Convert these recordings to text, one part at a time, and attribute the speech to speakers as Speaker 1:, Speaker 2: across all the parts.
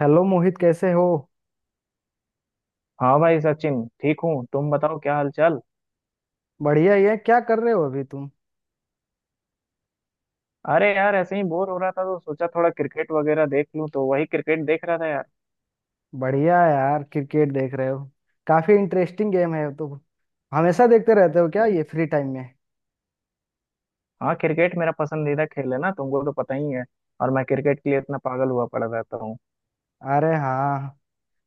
Speaker 1: Hello Mohit, कैसे हो।
Speaker 2: हाँ भाई सचिन, ठीक हूँ। तुम बताओ क्या हाल चाल।
Speaker 1: बढ़िया ही है। क्या कर रहे हो अभी तुम।
Speaker 2: अरे यार ऐसे ही बोर हो रहा था तो सोचा थोड़ा क्रिकेट वगैरह देख लूँ, तो वही क्रिकेट देख रहा था यार।
Speaker 1: बढ़िया यार, क्रिकेट देख रहे हो। काफी इंटरेस्टिंग गेम है तो। हमेशा देखते रहते हो क्या
Speaker 2: नहीं।
Speaker 1: ये फ्री टाइम में।
Speaker 2: हाँ, क्रिकेट मेरा पसंदीदा खेल है ना, तुमको तो पता ही है। और मैं क्रिकेट के लिए इतना पागल हुआ पड़ा रहता हूँ।
Speaker 1: अरे हाँ।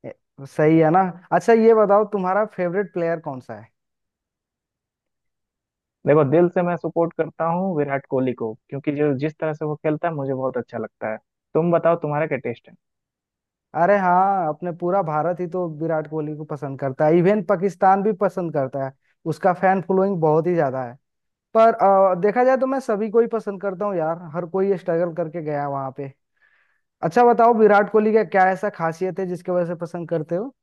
Speaker 1: ए- सही है ना। अच्छा ये बताओ, तुम्हारा फेवरेट प्लेयर कौन सा है।
Speaker 2: देखो, दिल से मैं सपोर्ट करता हूँ विराट कोहली को, क्योंकि जो जिस तरह से वो खेलता है मुझे बहुत अच्छा लगता है। तुम बताओ तुम्हारा क्या टेस्ट है।
Speaker 1: अरे हाँ, अपने पूरा भारत ही तो विराट कोहली को पसंद करता है, इवन पाकिस्तान भी पसंद करता है। उसका फैन फॉलोइंग बहुत ही ज्यादा है। पर देखा जाए तो मैं सभी को ही पसंद करता हूँ यार, हर कोई स्ट्रगल करके गया वहां पे। अच्छा बताओ, विराट कोहली का क्या ऐसा खासियत है जिसके वजह से पसंद करते हो।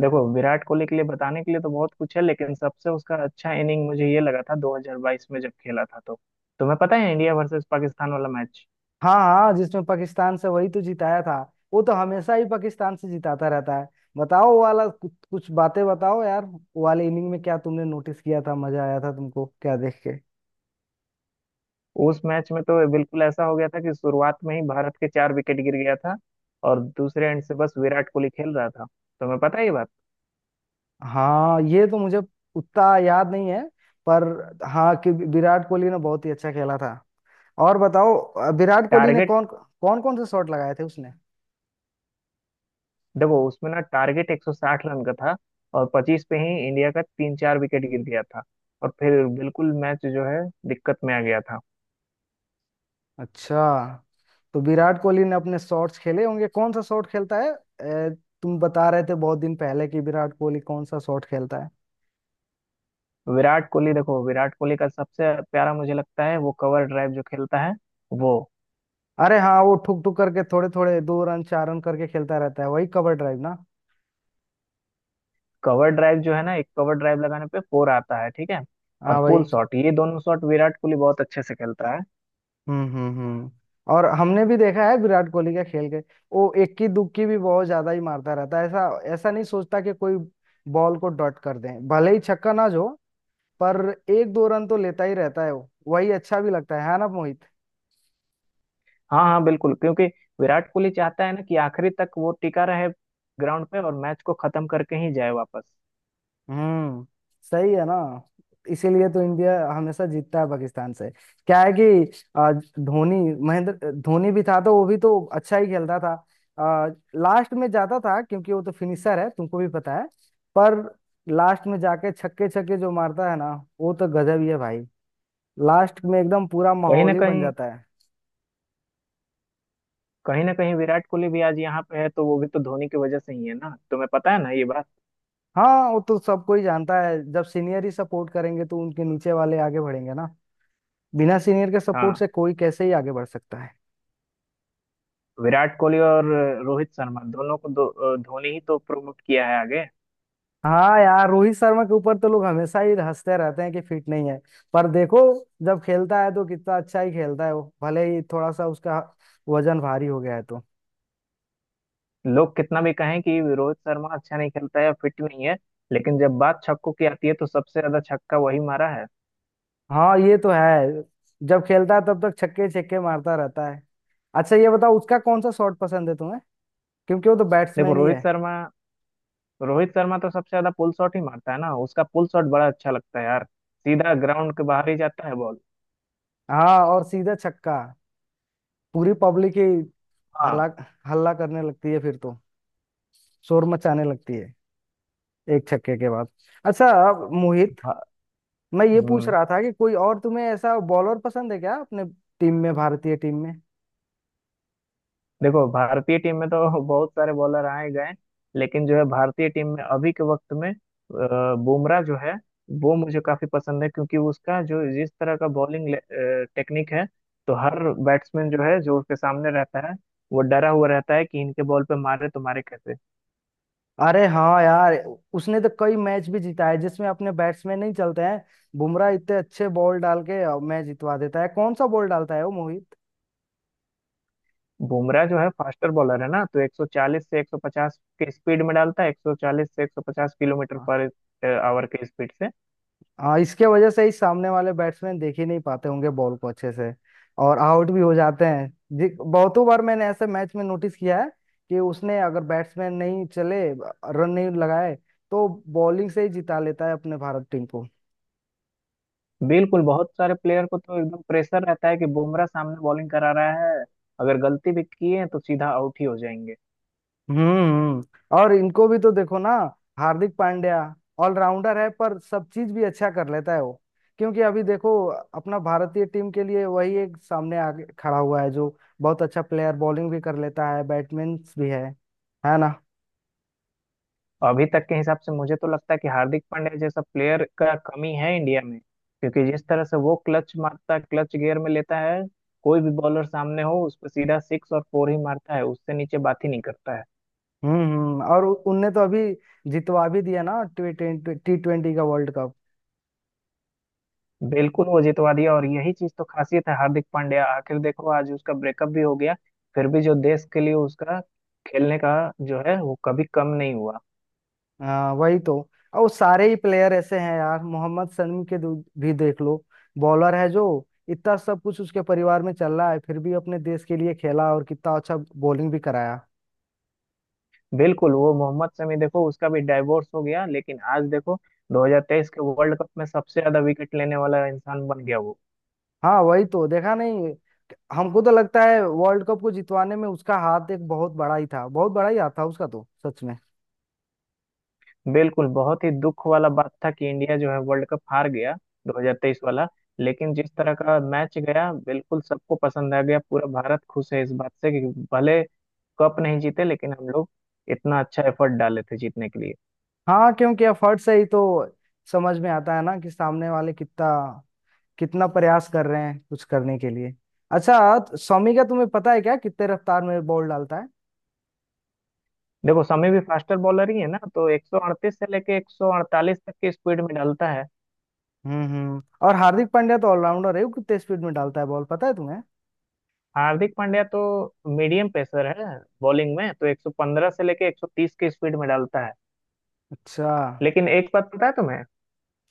Speaker 2: देखो विराट कोहली के लिए बताने के लिए तो बहुत कुछ है, लेकिन सबसे उसका अच्छा इनिंग मुझे ये लगा था 2022 में जब खेला था तो। तुम्हें पता है इंडिया वर्सेस पाकिस्तान वाला मैच।
Speaker 1: हाँ हाँ, जिसमें पाकिस्तान से वही तो जिताया था। वो तो हमेशा ही पाकिस्तान से जिताता रहता है। बताओ वो वाला कुछ बातें बताओ यार, वो वाले इनिंग में क्या तुमने नोटिस किया था, मजा आया था तुमको क्या देख के।
Speaker 2: उस मैच में तो बिल्कुल ऐसा हो गया था कि शुरुआत में ही भारत के चार विकेट गिर गया था। और दूसरे एंड से बस विराट कोहली खेल रहा था। तुम्हें पता है ये बात।
Speaker 1: हाँ ये तो मुझे उतना याद नहीं है। पर हाँ, कि विराट कोहली ने बहुत ही अच्छा खेला था। और बताओ विराट कोहली ने
Speaker 2: टारगेट।
Speaker 1: कौन कौन कौन से शॉट लगाए थे उसने।
Speaker 2: देखो उसमें ना टारगेट 160 रन का था, और 25 पे ही इंडिया का तीन चार विकेट गिर गया था, और फिर बिल्कुल मैच जो है दिक्कत में आ गया था।
Speaker 1: अच्छा, तो विराट कोहली ने अपने शॉट्स खेले होंगे, कौन सा शॉट खेलता है तुम बता रहे थे बहुत दिन पहले कि विराट कोहली कौन सा शॉट खेलता है।
Speaker 2: विराट कोहली, देखो विराट कोहली का सबसे प्यारा मुझे लगता है वो कवर ड्राइव जो खेलता है वो।
Speaker 1: अरे हाँ, वो ठुक ठुक करके थोड़े थोड़े दो रन चार रन करके खेलता रहता है, वही कवर ड्राइव ना।
Speaker 2: कवर ड्राइव जो है ना, एक कवर ड्राइव लगाने पे फोर आता है, ठीक है। और
Speaker 1: हाँ भाई।
Speaker 2: पुल शॉट, ये दोनों शॉट विराट कोहली बहुत अच्छे से खेलता है।
Speaker 1: हम्म। और हमने भी देखा है विराट कोहली का खेल के, वो इक्की दुक्की भी बहुत ज्यादा ही मारता रहता है। ऐसा ऐसा नहीं सोचता कि कोई बॉल को डॉट कर दे, भले ही छक्का ना जो। पर एक दो रन तो लेता ही रहता है वो, वही अच्छा भी लगता है ना मोहित।
Speaker 2: हाँ हाँ बिल्कुल, क्योंकि विराट कोहली चाहता है ना कि आखिरी तक वो टिका रहे ग्राउंड पे, और मैच को खत्म करके ही जाए वापस।
Speaker 1: हम्म। सही है ना। इसीलिए तो इंडिया हमेशा जीतता है पाकिस्तान से। क्या है कि धोनी, महेंद्र धोनी भी था तो वो भी तो अच्छा ही खेलता था। आ, लास्ट में जाता था क्योंकि वो तो फिनिशर है, तुमको भी पता है। पर लास्ट में जाके छक्के छक्के जो मारता है ना, वो तो गजब ही है भाई। लास्ट में एकदम पूरा
Speaker 2: कहीं ना
Speaker 1: माहौल ही बन
Speaker 2: कहीं
Speaker 1: जाता है।
Speaker 2: कहीं ना कहीं, विराट कोहली भी आज यहाँ पे है तो वो भी तो धोनी की वजह से ही है ना, तुम्हें पता है ना ये बात।
Speaker 1: हाँ वो तो सबको ही जानता है, जब सीनियर ही सपोर्ट करेंगे तो उनके नीचे वाले आगे बढ़ेंगे ना। बिना सीनियर के
Speaker 2: हाँ,
Speaker 1: सपोर्ट से कोई कैसे ही आगे बढ़ सकता है।
Speaker 2: विराट कोहली और रोहित शर्मा दोनों को धोनी ही तो प्रमोट किया है आगे।
Speaker 1: हाँ यार, रोहित शर्मा के ऊपर तो लोग हमेशा ही हंसते रहते हैं कि फिट नहीं है। पर देखो, जब खेलता है तो कितना अच्छा ही खेलता है, वो भले ही थोड़ा सा उसका वजन भारी हो गया है तो।
Speaker 2: लोग कितना भी कहें कि रोहित शर्मा अच्छा नहीं खेलता है, फिट नहीं है, लेकिन जब बात छक्कों की आती है तो सबसे ज्यादा छक्का वही मारा है।
Speaker 1: हाँ ये तो है, जब खेलता है तब तक छक्के छक्के मारता रहता है। अच्छा ये बताओ, उसका कौन सा शॉट पसंद है तुम्हें, क्योंकि वो तो
Speaker 2: देखो
Speaker 1: बैट्समैन ही
Speaker 2: रोहित
Speaker 1: है।
Speaker 2: शर्मा, तो सबसे ज्यादा पुल शॉट ही मारता है ना। उसका पुल शॉट बड़ा अच्छा लगता है यार, सीधा ग्राउंड के बाहर ही जाता है बॉल।
Speaker 1: हाँ, और सीधा छक्का, पूरी पब्लिक ही
Speaker 2: हाँ।
Speaker 1: हल्ला, हल्ला करने लगती है फिर तो, शोर मचाने लगती है एक छक्के के बाद। अच्छा अब मोहित,
Speaker 2: भा-
Speaker 1: मैं ये पूछ
Speaker 2: हम्म।
Speaker 1: रहा था कि कोई और तुम्हें ऐसा बॉलर पसंद है क्या अपने टीम में, भारतीय टीम में।
Speaker 2: देखो भारतीय टीम में तो बहुत सारे बॉलर आए गए, लेकिन जो है भारतीय टीम में अभी के वक्त में बुमराह जो है वो मुझे काफी पसंद है, क्योंकि उसका जो जिस तरह का बॉलिंग टेक्निक है तो हर बैट्समैन जो है जो उसके सामने रहता है वो डरा हुआ रहता है कि इनके बॉल पे मारे तो मारे कैसे।
Speaker 1: अरे हाँ यार, उसने तो कई मैच भी जीता है जिसमें अपने बैट्समैन नहीं चलते हैं। बुमराह इतने अच्छे बॉल डाल के मैच जितवा देता है। कौन सा बॉल डालता है वो मोहित।
Speaker 2: बुमराह जो है फास्टर बॉलर है ना, तो 140 से 150 के स्पीड में डालता है, 140 से 150 किलोमीटर
Speaker 1: हाँ
Speaker 2: पर आवर के स्पीड से।
Speaker 1: हाँ, इसके वजह से ही सामने वाले बैट्समैन देख ही नहीं पाते होंगे बॉल को अच्छे से, और आउट भी हो जाते हैं। जी बहुतों बार मैंने ऐसे मैच में नोटिस किया है कि उसने, अगर बैट्समैन नहीं चले, रन नहीं लगाए, तो बॉलिंग से ही जिता लेता है अपने भारत टीम को।
Speaker 2: बिल्कुल, बहुत सारे प्लेयर को तो एकदम प्रेशर रहता है कि बुमराह सामने बॉलिंग करा रहा है, अगर गलती भी किए हैं तो सीधा आउट ही हो जाएंगे।
Speaker 1: हम्म। और इनको भी तो देखो ना, हार्दिक पांड्या, ऑलराउंडर है पर सब चीज भी अच्छा कर लेता है वो। क्योंकि अभी देखो, अपना भारतीय टीम के लिए वही एक सामने आगे खड़ा हुआ है जो बहुत अच्छा प्लेयर, बॉलिंग भी कर लेता है, बैट्समैन भी है ना।
Speaker 2: अभी तक के हिसाब से मुझे तो लगता है कि हार्दिक पांड्या जैसा प्लेयर का कमी है इंडिया में, क्योंकि जिस तरह से वो क्लच मारता है, क्लच गियर में लेता है, कोई भी बॉलर सामने हो उस पर सीधा सिक्स और फोर ही मारता है, उससे नीचे बात ही नहीं करता है।
Speaker 1: हम्म। और उनने तो अभी जितवा भी दिया ना टी ट्वेंटी का वर्ल्ड कप।
Speaker 2: बिल्कुल वो जितवा दिया, और यही चीज तो खासियत है हार्दिक पांड्या। आखिर देखो आज उसका ब्रेकअप भी हो गया, फिर भी जो देश के लिए उसका खेलने का जो है वो कभी कम नहीं हुआ।
Speaker 1: हाँ वही तो। और वो सारे ही प्लेयर ऐसे हैं यार, मोहम्मद शमी के भी देख लो, बॉलर है जो, इतना सब कुछ उसके परिवार में चल रहा है फिर भी अपने देश के लिए खेला और कितना अच्छा बॉलिंग भी कराया।
Speaker 2: बिल्कुल, वो मोहम्मद शमी, देखो उसका भी डाइवोर्स हो गया, लेकिन आज देखो 2023 के वर्ल्ड कप में सबसे ज्यादा विकेट लेने वाला इंसान बन गया वो।
Speaker 1: हाँ वही तो, देखा नहीं। हमको तो लगता है वर्ल्ड कप को जितवाने में उसका हाथ एक बहुत बड़ा ही था, बहुत बड़ा ही हाथ था उसका तो, सच में।
Speaker 2: बिल्कुल, बहुत ही दुख वाला बात था कि इंडिया जो है वर्ल्ड कप हार गया 2023 वाला, लेकिन जिस तरह का मैच गया बिल्कुल सबको पसंद आ गया। पूरा भारत खुश है इस बात से कि भले कप नहीं जीते, लेकिन हम लोग इतना अच्छा एफर्ट डाले थे जीतने के लिए।
Speaker 1: हाँ क्योंकि एफर्ट से ही तो समझ में आता है ना कि सामने वाले कितना, कितना प्रयास कर रहे हैं कुछ करने के लिए। अच्छा, तो शमी का तुम्हें पता है क्या, कितने रफ्तार में बॉल डालता है।
Speaker 2: देखो समय भी फास्टर बॉलर ही है ना, तो 138 से लेके 148 तक की स्पीड में डालता है।
Speaker 1: हम्म। और हार्दिक पांड्या तो ऑलराउंडर है, वो कितने स्पीड में डालता है बॉल, पता है तुम्हें।
Speaker 2: हार्दिक पांड्या तो मीडियम पेसर है, बॉलिंग में तो 115 से लेके 130 की स्पीड में डालता है।
Speaker 1: अच्छा।
Speaker 2: लेकिन एक बात पता है तुम्हें।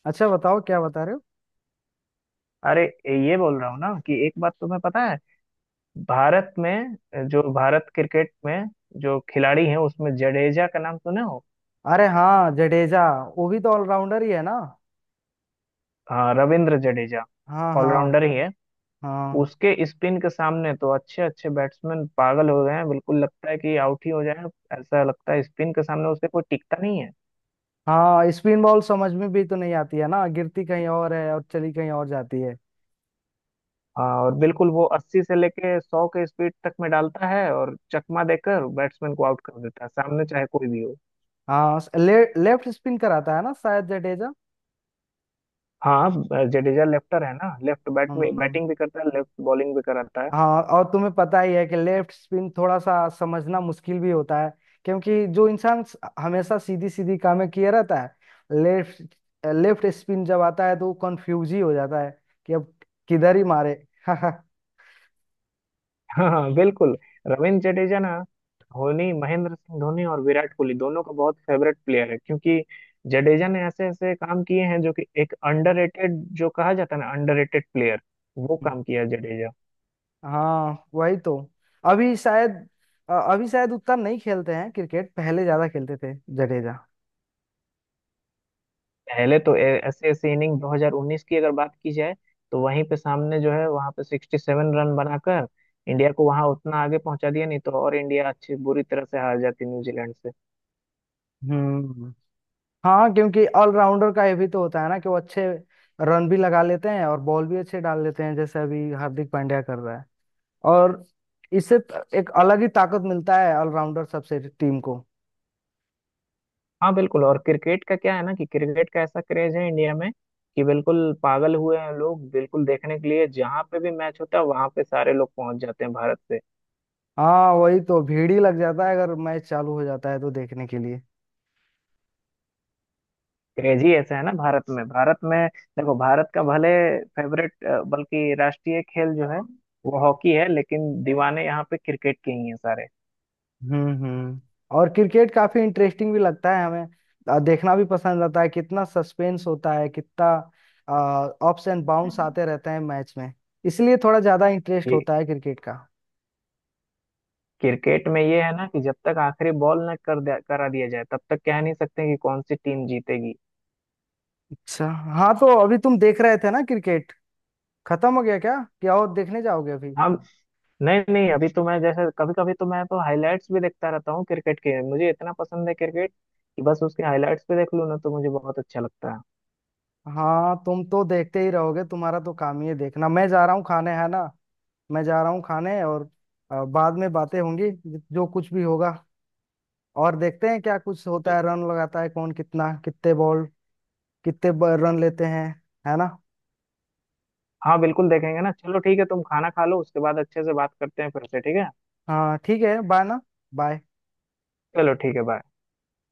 Speaker 1: अच्छा बताओ, क्या बता रहे हो।
Speaker 2: अरे, ये बोल रहा हूँ ना कि एक बात तुम्हें पता है। भारत में, जो भारत क्रिकेट में जो खिलाड़ी हैं उसमें जडेजा का नाम सुने हो।
Speaker 1: अरे हाँ, जडेजा, वो भी तो ऑलराउंडर ही है ना।
Speaker 2: हाँ, रविंद्र जडेजा।
Speaker 1: हाँ हाँ।
Speaker 2: ऑलराउंडर ही है।
Speaker 1: हाँ।
Speaker 2: उसके स्पिन के सामने तो अच्छे अच्छे बैट्समैन पागल हो गए हैं, बिल्कुल लगता है कि आउट ही हो जाए। ऐसा लगता है स्पिन के सामने उससे कोई टिकता नहीं है।
Speaker 1: हाँ स्पिन बॉल समझ में भी तो नहीं आती है ना, गिरती कहीं और है और चली कहीं और जाती है।
Speaker 2: हाँ, और बिल्कुल वो 80 से लेके 100 के स्पीड तक में डालता है, और चकमा देकर बैट्समैन को आउट कर देता है, सामने चाहे कोई भी हो।
Speaker 1: हाँ लेफ्ट स्पिन कराता है ना शायद जडेजा।
Speaker 2: हाँ, जडेजा लेफ्टर है ना, लेफ्ट बैट में
Speaker 1: हम्म।
Speaker 2: बैटिंग भी करता है, लेफ्ट बॉलिंग भी कराता है।
Speaker 1: हाँ और तुम्हें पता ही है कि लेफ्ट स्पिन थोड़ा सा समझना मुश्किल भी होता है, क्योंकि जो इंसान हमेशा सीधी सीधी कामें किए रहता है, लेफ्ट लेफ्ट स्पिन जब आता है तो वो कंफ्यूज ही हो जाता है कि अब किधर ही मारे।
Speaker 2: हाँ हाँ, बिल्कुल। रविंद्र जडेजा ना, धोनी, महेंद्र सिंह धोनी और विराट कोहली दोनों का बहुत फेवरेट प्लेयर है, क्योंकि जडेजा ने ऐसे ऐसे काम किए हैं, जो कि एक अंडररेटेड, जो कहा जाता है ना, अंडररेटेड प्लेयर, वो काम किया है जडेजा।
Speaker 1: हाँ वही तो, अभी शायद अभी शायद उतना नहीं खेलते हैं क्रिकेट, पहले ज्यादा खेलते थे जडेजा।
Speaker 2: पहले तो ऐसे ऐसे इनिंग 2019 की अगर बात की जाए, तो वहीं पे सामने जो है वहां पे 67 रन बनाकर इंडिया को वहां उतना आगे पहुंचा दिया, नहीं तो और इंडिया अच्छी बुरी तरह से हार जाती न्यूजीलैंड।
Speaker 1: हम्म। हाँ क्योंकि ऑलराउंडर का ये भी तो होता है ना कि वो अच्छे रन भी लगा लेते हैं और बॉल भी अच्छे डाल लेते हैं, जैसे अभी हार्दिक पांड्या कर रहा है। और इससे एक अलग ही ताकत मिलता है ऑलराउंडर सबसे टीम को।
Speaker 2: हाँ बिल्कुल, और क्रिकेट का क्या है ना कि क्रिकेट का ऐसा क्रेज है इंडिया में, कि बिल्कुल पागल हुए हैं लोग, बिल्कुल देखने के लिए जहाँ पे भी मैच होता है वहां पे सारे लोग पहुंच जाते हैं भारत से।
Speaker 1: हाँ वही तो, भीड़ ही लग जाता है अगर मैच चालू हो जाता है तो देखने के लिए।
Speaker 2: क्रेज ही ऐसा है ना भारत में। भारत में देखो भारत का भले फेवरेट, बल्कि राष्ट्रीय खेल जो है वो हॉकी है, लेकिन दीवाने यहाँ पे क्रिकेट के ही हैं सारे।
Speaker 1: हम्म। और क्रिकेट काफी इंटरेस्टिंग भी लगता है हमें, देखना भी पसंद आता है, कितना सस्पेंस होता है, कितना अप्स एंड बाउंस आते रहते हैं मैच में, इसलिए थोड़ा ज्यादा इंटरेस्ट
Speaker 2: ये
Speaker 1: होता है क्रिकेट का।
Speaker 2: क्रिकेट में ये है ना कि जब तक आखिरी बॉल न करा दिया जाए तब तक कह नहीं सकते कि कौन सी टीम जीतेगी।
Speaker 1: अच्छा। हाँ तो अभी तुम देख रहे थे ना क्रिकेट, खत्म हो गया क्या, क्या और देखने जाओगे अभी।
Speaker 2: हाँ। नहीं नहीं, अभी तो मैं जैसे कभी कभी तो मैं तो हाइलाइट्स भी देखता रहता हूँ क्रिकेट के। मुझे इतना पसंद है क्रिकेट कि बस उसके हाइलाइट्स भी देख लूँ ना तो मुझे बहुत अच्छा लगता है।
Speaker 1: हाँ तुम तो देखते ही रहोगे, तुम्हारा तो काम ही है देखना। मैं जा रहा हूँ खाने, है ना। मैं जा रहा हूँ खाने और बाद में बातें होंगी, जो कुछ भी होगा। और देखते हैं क्या कुछ होता है, रन लगाता है कौन कितना, कितने बॉल, रन लेते हैं, है ना।
Speaker 2: हाँ बिल्कुल देखेंगे ना। चलो ठीक है, तुम खाना खा लो उसके बाद अच्छे से बात करते हैं फिर से, ठीक है।
Speaker 1: हाँ ठीक है, बाय ना। बाय।
Speaker 2: चलो ठीक है, बाय।